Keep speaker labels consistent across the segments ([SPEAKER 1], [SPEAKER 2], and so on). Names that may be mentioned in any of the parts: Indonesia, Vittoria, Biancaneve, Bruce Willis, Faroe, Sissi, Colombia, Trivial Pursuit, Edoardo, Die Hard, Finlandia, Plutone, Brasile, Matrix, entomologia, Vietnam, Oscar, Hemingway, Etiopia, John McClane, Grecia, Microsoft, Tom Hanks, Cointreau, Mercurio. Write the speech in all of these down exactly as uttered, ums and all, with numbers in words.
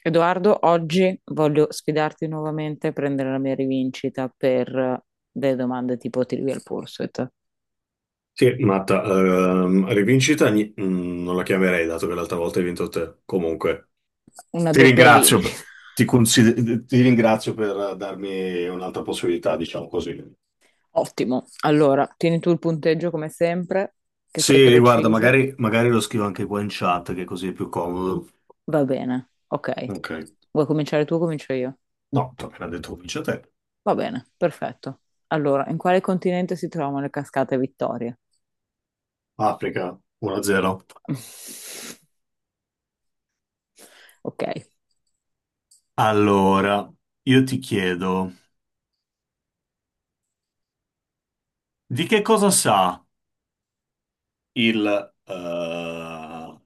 [SPEAKER 1] Edoardo, oggi voglio sfidarti nuovamente a prendere la mia rivincita per eh, delle domande tipo Trivial Pursuit.
[SPEAKER 2] Sì, Matta, ehm, rivincita gni- mm, non la chiamerei, dato che l'altra volta hai vinto te. Comunque,
[SPEAKER 1] Una
[SPEAKER 2] ti
[SPEAKER 1] doppia
[SPEAKER 2] ringrazio,
[SPEAKER 1] vincita.
[SPEAKER 2] per- ti, consider- ti ringrazio per darmi un'altra possibilità, diciamo così.
[SPEAKER 1] Ottimo. Allora, tieni tu il punteggio come sempre, che sei
[SPEAKER 2] Sì, guarda,
[SPEAKER 1] preciso.
[SPEAKER 2] magari, magari lo scrivo anche qua in chat, che così è più comodo.
[SPEAKER 1] Va bene, ok.
[SPEAKER 2] Ok.
[SPEAKER 1] Vuoi cominciare tu o comincio io?
[SPEAKER 2] No, tu appena detto vince te.
[SPEAKER 1] Va bene, perfetto. Allora, in quale continente si trovano le cascate Vittoria?
[SPEAKER 2] Africa, uno a zero.
[SPEAKER 1] Ok,
[SPEAKER 2] Allora, io ti chiedo, di che cosa sa il eh,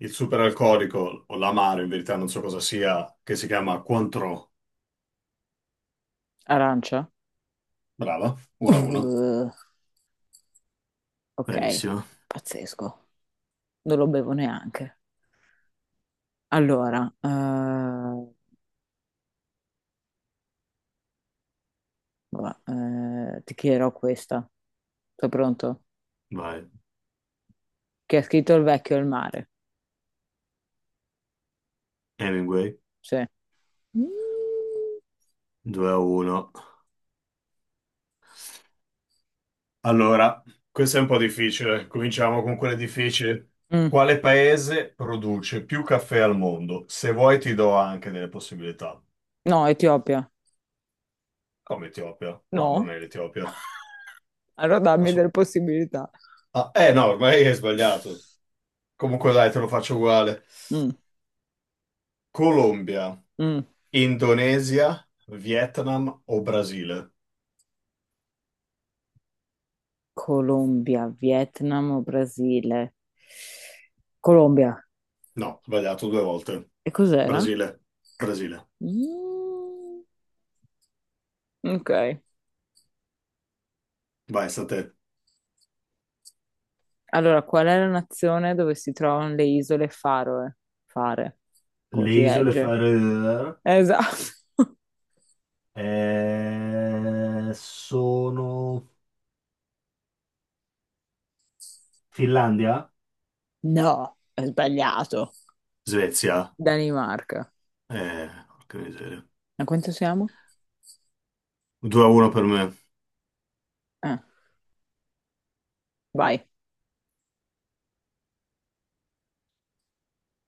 [SPEAKER 2] Il superalcolico o l'amaro, in verità non so cosa sia, che si chiama Cointreau.
[SPEAKER 1] arancia?
[SPEAKER 2] Brava, uno a uno.
[SPEAKER 1] Uh, ok,
[SPEAKER 2] Bravissimo.
[SPEAKER 1] pazzesco. Non lo bevo neanche. Allora, eh, va, eh, ti chiederò questa. Sei pronto?
[SPEAKER 2] Vai.
[SPEAKER 1] Chi ha scritto Il vecchio e il mare?
[SPEAKER 2] Hemingway,
[SPEAKER 1] Sì. Mm.
[SPEAKER 2] due a uno. Allora, questo è un po' difficile. Cominciamo con quelle difficili.
[SPEAKER 1] Mm.
[SPEAKER 2] Quale paese produce più caffè al mondo? Se vuoi ti do anche delle possibilità.
[SPEAKER 1] No, Etiopia.
[SPEAKER 2] Come Etiopia? No, non
[SPEAKER 1] No?
[SPEAKER 2] è l'Etiopia.
[SPEAKER 1] Allora dammi
[SPEAKER 2] Assu-
[SPEAKER 1] delle possibilità.
[SPEAKER 2] Ah, eh no, ormai hai sbagliato. Comunque dai, te lo faccio uguale.
[SPEAKER 1] Mm.
[SPEAKER 2] Colombia,
[SPEAKER 1] Mm.
[SPEAKER 2] Indonesia, Vietnam o Brasile?
[SPEAKER 1] Colombia, Vietnam o Brasile? Colombia.
[SPEAKER 2] No, sbagliato due volte.
[SPEAKER 1] E cos'era?
[SPEAKER 2] Brasile, Brasile.
[SPEAKER 1] Mm. Ok.
[SPEAKER 2] Vai, sta a te.
[SPEAKER 1] Allora, qual è la nazione dove si trovano le isole Faroe? Fare. Come
[SPEAKER 2] Le
[SPEAKER 1] si
[SPEAKER 2] isole
[SPEAKER 1] legge?
[SPEAKER 2] Faroe
[SPEAKER 1] Esatto.
[SPEAKER 2] eh, sono Finlandia?
[SPEAKER 1] No, è sbagliato.
[SPEAKER 2] Svezia.
[SPEAKER 1] Danimarca.
[SPEAKER 2] Eh, porca miseria.
[SPEAKER 1] A quanto siamo?
[SPEAKER 2] due a uno per me.
[SPEAKER 1] Ah, vai.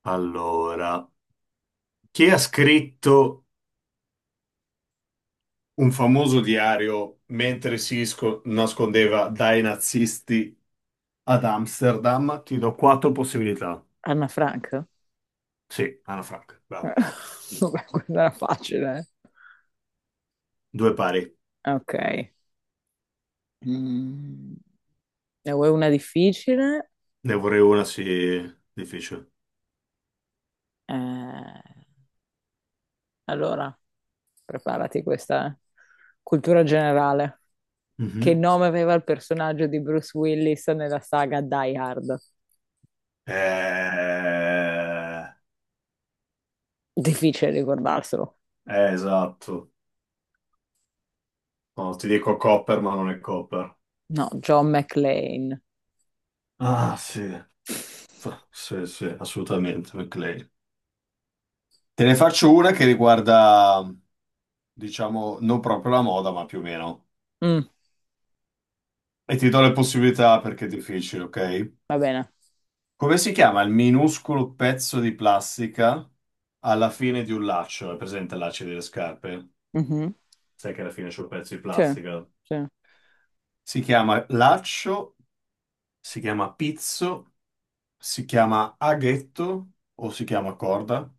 [SPEAKER 2] Allora, chi ha scritto un famoso diario mentre si sco- nascondeva dai nazisti ad Amsterdam? Ti do quattro possibilità.
[SPEAKER 1] Anna Frank?
[SPEAKER 2] Sì, Anna Frank,
[SPEAKER 1] Eh,
[SPEAKER 2] bravo.
[SPEAKER 1] Vabbè, quella era facile.
[SPEAKER 2] Due pari.
[SPEAKER 1] eh. Ok. Mm. Ne vuoi una difficile?
[SPEAKER 2] Ne vorrei una, sì, difficile.
[SPEAKER 1] Eh, allora, preparati questa eh. cultura generale. Che
[SPEAKER 2] Mhm.
[SPEAKER 1] nome aveva il personaggio di Bruce Willis nella saga Die Hard?
[SPEAKER 2] Eh,
[SPEAKER 1] Difficile ricordarselo.
[SPEAKER 2] eh, esatto. No, ti dico Copper, ma non è Copper.
[SPEAKER 1] No, John McClane.
[SPEAKER 2] Ah, sì. F- Sì, sì, assolutamente, McLean. Te ne faccio una che riguarda, diciamo, non proprio la moda, ma più o meno.
[SPEAKER 1] Mm,
[SPEAKER 2] E ti do le possibilità perché è difficile, ok?
[SPEAKER 1] va bene.
[SPEAKER 2] Come si chiama il minuscolo pezzo di plastica alla fine di un laccio? È presente il laccio delle scarpe?
[SPEAKER 1] Mhm.
[SPEAKER 2] Sai che alla fine c'è un pezzo di
[SPEAKER 1] Sì,
[SPEAKER 2] plastica.
[SPEAKER 1] sì,
[SPEAKER 2] Si chiama laccio, si chiama pizzo, si chiama aghetto o si chiama corda.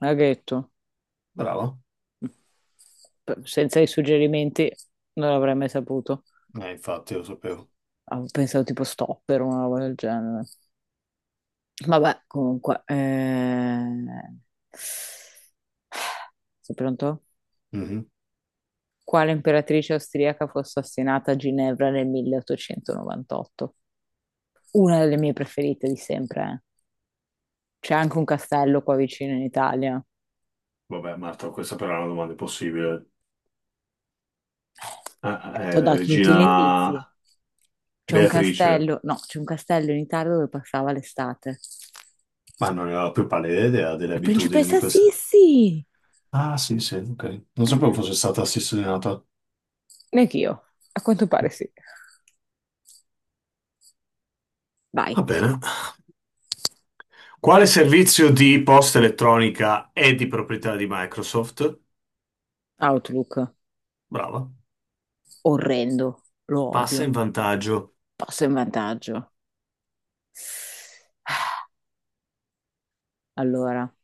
[SPEAKER 1] l'ha detto.
[SPEAKER 2] Bravo.
[SPEAKER 1] P- Senza i suggerimenti non l'avrei mai saputo.
[SPEAKER 2] Eh, infatti, lo sapevo.
[SPEAKER 1] Avevo pensato tipo stopper o una roba del genere. Vabbè, comunque. eh, Sei pronto?
[SPEAKER 2] Mhm.
[SPEAKER 1] Quale imperatrice austriaca fu assassinata a Ginevra nel milleottocentonovantotto? Una delle mie preferite di sempre. eh. C'è anche un castello qua vicino in Italia.
[SPEAKER 2] Vabbè, Marta, questa però è una domanda impossibile. Ah,
[SPEAKER 1] Beh, ti
[SPEAKER 2] eh,
[SPEAKER 1] ho
[SPEAKER 2] la
[SPEAKER 1] dato tutti gli indizi.
[SPEAKER 2] regina
[SPEAKER 1] C'è un
[SPEAKER 2] Beatrice.
[SPEAKER 1] castello, no, c'è un castello in Italia dove passava l'estate.
[SPEAKER 2] Ma non ne ho la più pallida idea delle
[SPEAKER 1] La
[SPEAKER 2] abitudini di
[SPEAKER 1] principessa
[SPEAKER 2] queste.
[SPEAKER 1] Sissi!
[SPEAKER 2] Ah, sì, sì, ok. Non
[SPEAKER 1] Eh,
[SPEAKER 2] sapevo fosse stata assassinata.
[SPEAKER 1] Neanch'io, a quanto pare sì. Vai,
[SPEAKER 2] Va bene. Quale servizio di posta elettronica è di proprietà di Microsoft?
[SPEAKER 1] Outlook,
[SPEAKER 2] Brava.
[SPEAKER 1] orrendo, lo
[SPEAKER 2] Passa
[SPEAKER 1] odio,
[SPEAKER 2] in vantaggio.
[SPEAKER 1] passo in vantaggio. Allora,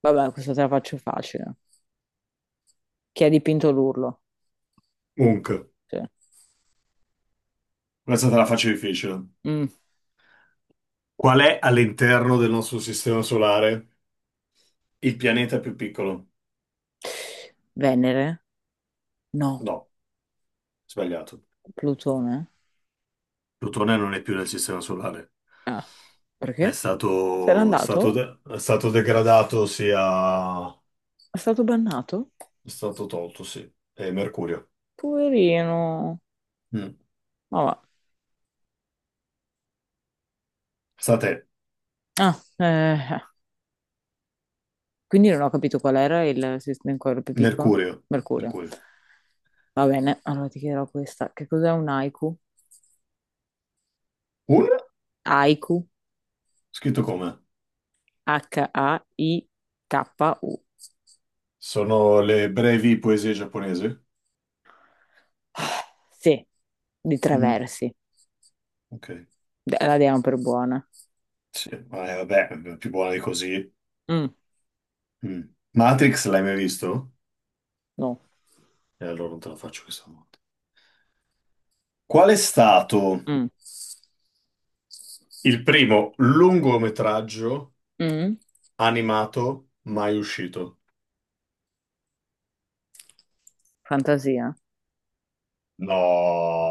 [SPEAKER 1] vabbè, questa te la faccio facile. Chi ha dipinto l'urlo?
[SPEAKER 2] Comunque,
[SPEAKER 1] Sì.
[SPEAKER 2] questa te la faccio difficile.
[SPEAKER 1] Mm.
[SPEAKER 2] Qual è all'interno del nostro sistema solare il pianeta più piccolo?
[SPEAKER 1] Venere? No.
[SPEAKER 2] No, sbagliato.
[SPEAKER 1] Plutone?
[SPEAKER 2] Plutone non è più nel sistema solare.
[SPEAKER 1] Ah,
[SPEAKER 2] È
[SPEAKER 1] perché? Se n'è
[SPEAKER 2] stato, stato
[SPEAKER 1] andato?
[SPEAKER 2] de- è stato degradato, sia...
[SPEAKER 1] È stato bannato?
[SPEAKER 2] è stato tolto, sì. È Mercurio.
[SPEAKER 1] Poverino.
[SPEAKER 2] Mm.
[SPEAKER 1] Ma va.
[SPEAKER 2] Sta a te.
[SPEAKER 1] Ah, eh, quindi non ho capito qual era il sistema in cuore più piccolo.
[SPEAKER 2] Mercurio.
[SPEAKER 1] Mercurio.
[SPEAKER 2] Mercurio.
[SPEAKER 1] Va bene, allora ti chiederò questa. Che cos'è un haiku?
[SPEAKER 2] Un?
[SPEAKER 1] Haiku,
[SPEAKER 2] Scritto come?
[SPEAKER 1] H-A-I-K-U.
[SPEAKER 2] Sono le brevi poesie giapponesi?
[SPEAKER 1] Sì, di tre
[SPEAKER 2] Mm.
[SPEAKER 1] versi.
[SPEAKER 2] Ok.
[SPEAKER 1] De- La diamo per buona.
[SPEAKER 2] Sì, ma, eh, vabbè, più buona di così.
[SPEAKER 1] Mm,
[SPEAKER 2] Mm. Matrix l'hai mai visto?
[SPEAKER 1] no.
[SPEAKER 2] E allora non te la faccio questa volta. Qual è stato
[SPEAKER 1] Mm,
[SPEAKER 2] il primo lungometraggio
[SPEAKER 1] mm.
[SPEAKER 2] animato mai uscito?
[SPEAKER 1] Fantasia.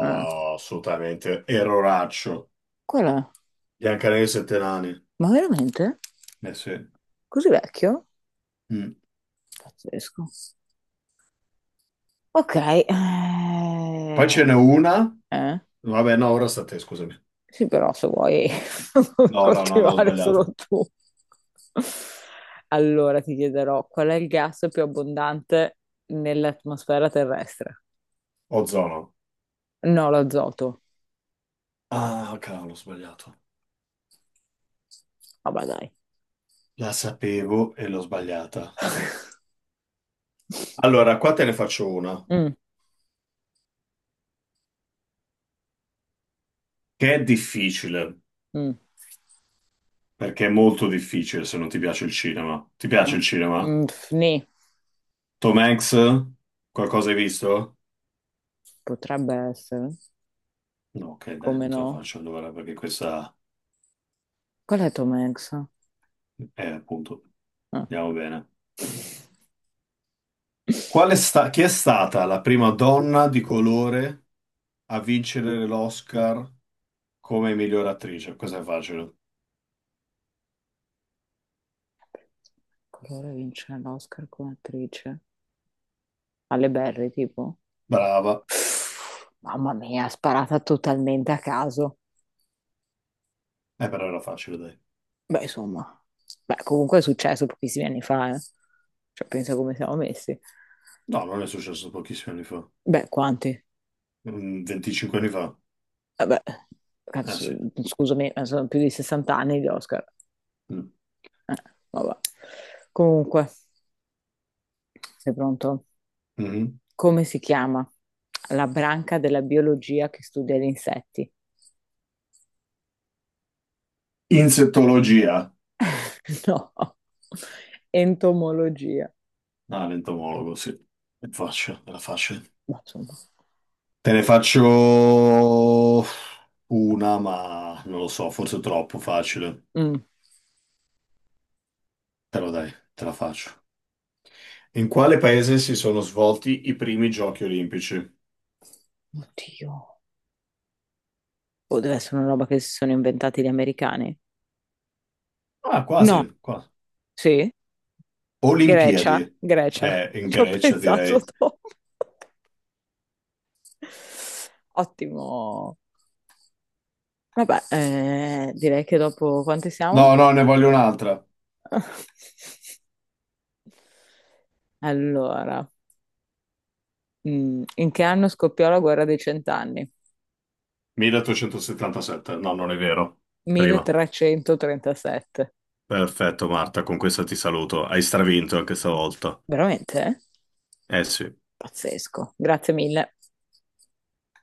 [SPEAKER 1] Ah.
[SPEAKER 2] assolutamente. Erroraccio.
[SPEAKER 1] Qual è?
[SPEAKER 2] Biancaneve e i sette nani.
[SPEAKER 1] Ma veramente?
[SPEAKER 2] Eh sì.
[SPEAKER 1] Così vecchio?
[SPEAKER 2] Mm.
[SPEAKER 1] Pazzesco. Ok.
[SPEAKER 2] Poi ce
[SPEAKER 1] eh,
[SPEAKER 2] n'è una.
[SPEAKER 1] Eh?
[SPEAKER 2] Vabbè, no, ora sta a te, scusami.
[SPEAKER 1] Sì, però se vuoi
[SPEAKER 2] No, no, no, no, ho
[SPEAKER 1] continuare
[SPEAKER 2] sbagliato.
[SPEAKER 1] solo tu. Allora ti chiederò qual è il gas più abbondante nell'atmosfera terrestre?
[SPEAKER 2] Ozono.
[SPEAKER 1] No, l'azoto.
[SPEAKER 2] Ah, cavolo, ho sbagliato.
[SPEAKER 1] Vabbè, dai.
[SPEAKER 2] La sapevo e l'ho sbagliata. Allora, qua te ne faccio una,
[SPEAKER 1] Mm,
[SPEAKER 2] che è difficile.
[SPEAKER 1] mm,
[SPEAKER 2] Perché è molto difficile se non ti piace il cinema. Ti piace
[SPEAKER 1] mm,
[SPEAKER 2] il cinema?
[SPEAKER 1] mm, pff, nì.
[SPEAKER 2] Tom Hanks? Qualcosa hai visto?
[SPEAKER 1] Potrebbe essere.
[SPEAKER 2] No, ok, dai,
[SPEAKER 1] Come
[SPEAKER 2] non te la
[SPEAKER 1] no?
[SPEAKER 2] faccio allora perché questa
[SPEAKER 1] Qual è Tom Hanks?
[SPEAKER 2] è appunto.
[SPEAKER 1] Ah,
[SPEAKER 2] Andiamo bene. Qual è sta- chi è stata la prima donna di colore a vincere l'Oscar come miglior attrice? Questa è facile.
[SPEAKER 1] colore vince l'Oscar come attrice. Alle Berry, tipo.
[SPEAKER 2] Brava.
[SPEAKER 1] Mamma mia, sparata totalmente a caso.
[SPEAKER 2] Eh, però era facile, dai.
[SPEAKER 1] Beh, insomma, beh, comunque è successo pochissimi anni fa, eh. Cioè, pensa come siamo messi.
[SPEAKER 2] No, non è successo pochissimi anni fa.
[SPEAKER 1] Beh, quanti?
[SPEAKER 2] Mm, venticinque anni fa.
[SPEAKER 1] Vabbè,
[SPEAKER 2] Ah,
[SPEAKER 1] cazzo,
[SPEAKER 2] sì.
[SPEAKER 1] scusami, ma sono più di sessanta anni di Oscar.
[SPEAKER 2] Mm.
[SPEAKER 1] Eh, vabbè. Comunque, sei pronto?
[SPEAKER 2] Mhm.
[SPEAKER 1] Come si chiama la branca della biologia che studia gli insetti?
[SPEAKER 2] Insettologia.
[SPEAKER 1] No, entomologia.
[SPEAKER 2] Ah, l'entomologo, sì. È facile, era facile.
[SPEAKER 1] Ma insomma,
[SPEAKER 2] Te ne faccio una, ma non lo so, forse troppo facile.
[SPEAKER 1] Mm.
[SPEAKER 2] Però dai, te la faccio. In quale paese si sono svolti i primi giochi olimpici?
[SPEAKER 1] Oddio. O deve essere una roba che si sono inventati gli americani?
[SPEAKER 2] Ah, quasi,
[SPEAKER 1] No,
[SPEAKER 2] quasi.
[SPEAKER 1] sì. Grecia,
[SPEAKER 2] Olimpiadi.
[SPEAKER 1] Grecia,
[SPEAKER 2] Eh, in
[SPEAKER 1] ci ho
[SPEAKER 2] Grecia,
[SPEAKER 1] pensato
[SPEAKER 2] direi.
[SPEAKER 1] dopo. Ottimo. Vabbè, eh, direi che dopo quante siamo?
[SPEAKER 2] No, no, ne voglio un'altra.
[SPEAKER 1] Allora, mm, in che anno scoppiò la guerra dei cent'anni?
[SPEAKER 2] milleottocentosettantasette. No, non è vero. Prima.
[SPEAKER 1] milletrecentotrentasette.
[SPEAKER 2] Perfetto, Marta, con questa ti saluto. Hai stravinto anche stavolta.
[SPEAKER 1] Veramente? Eh?
[SPEAKER 2] Eh sì.
[SPEAKER 1] Pazzesco. Grazie mille.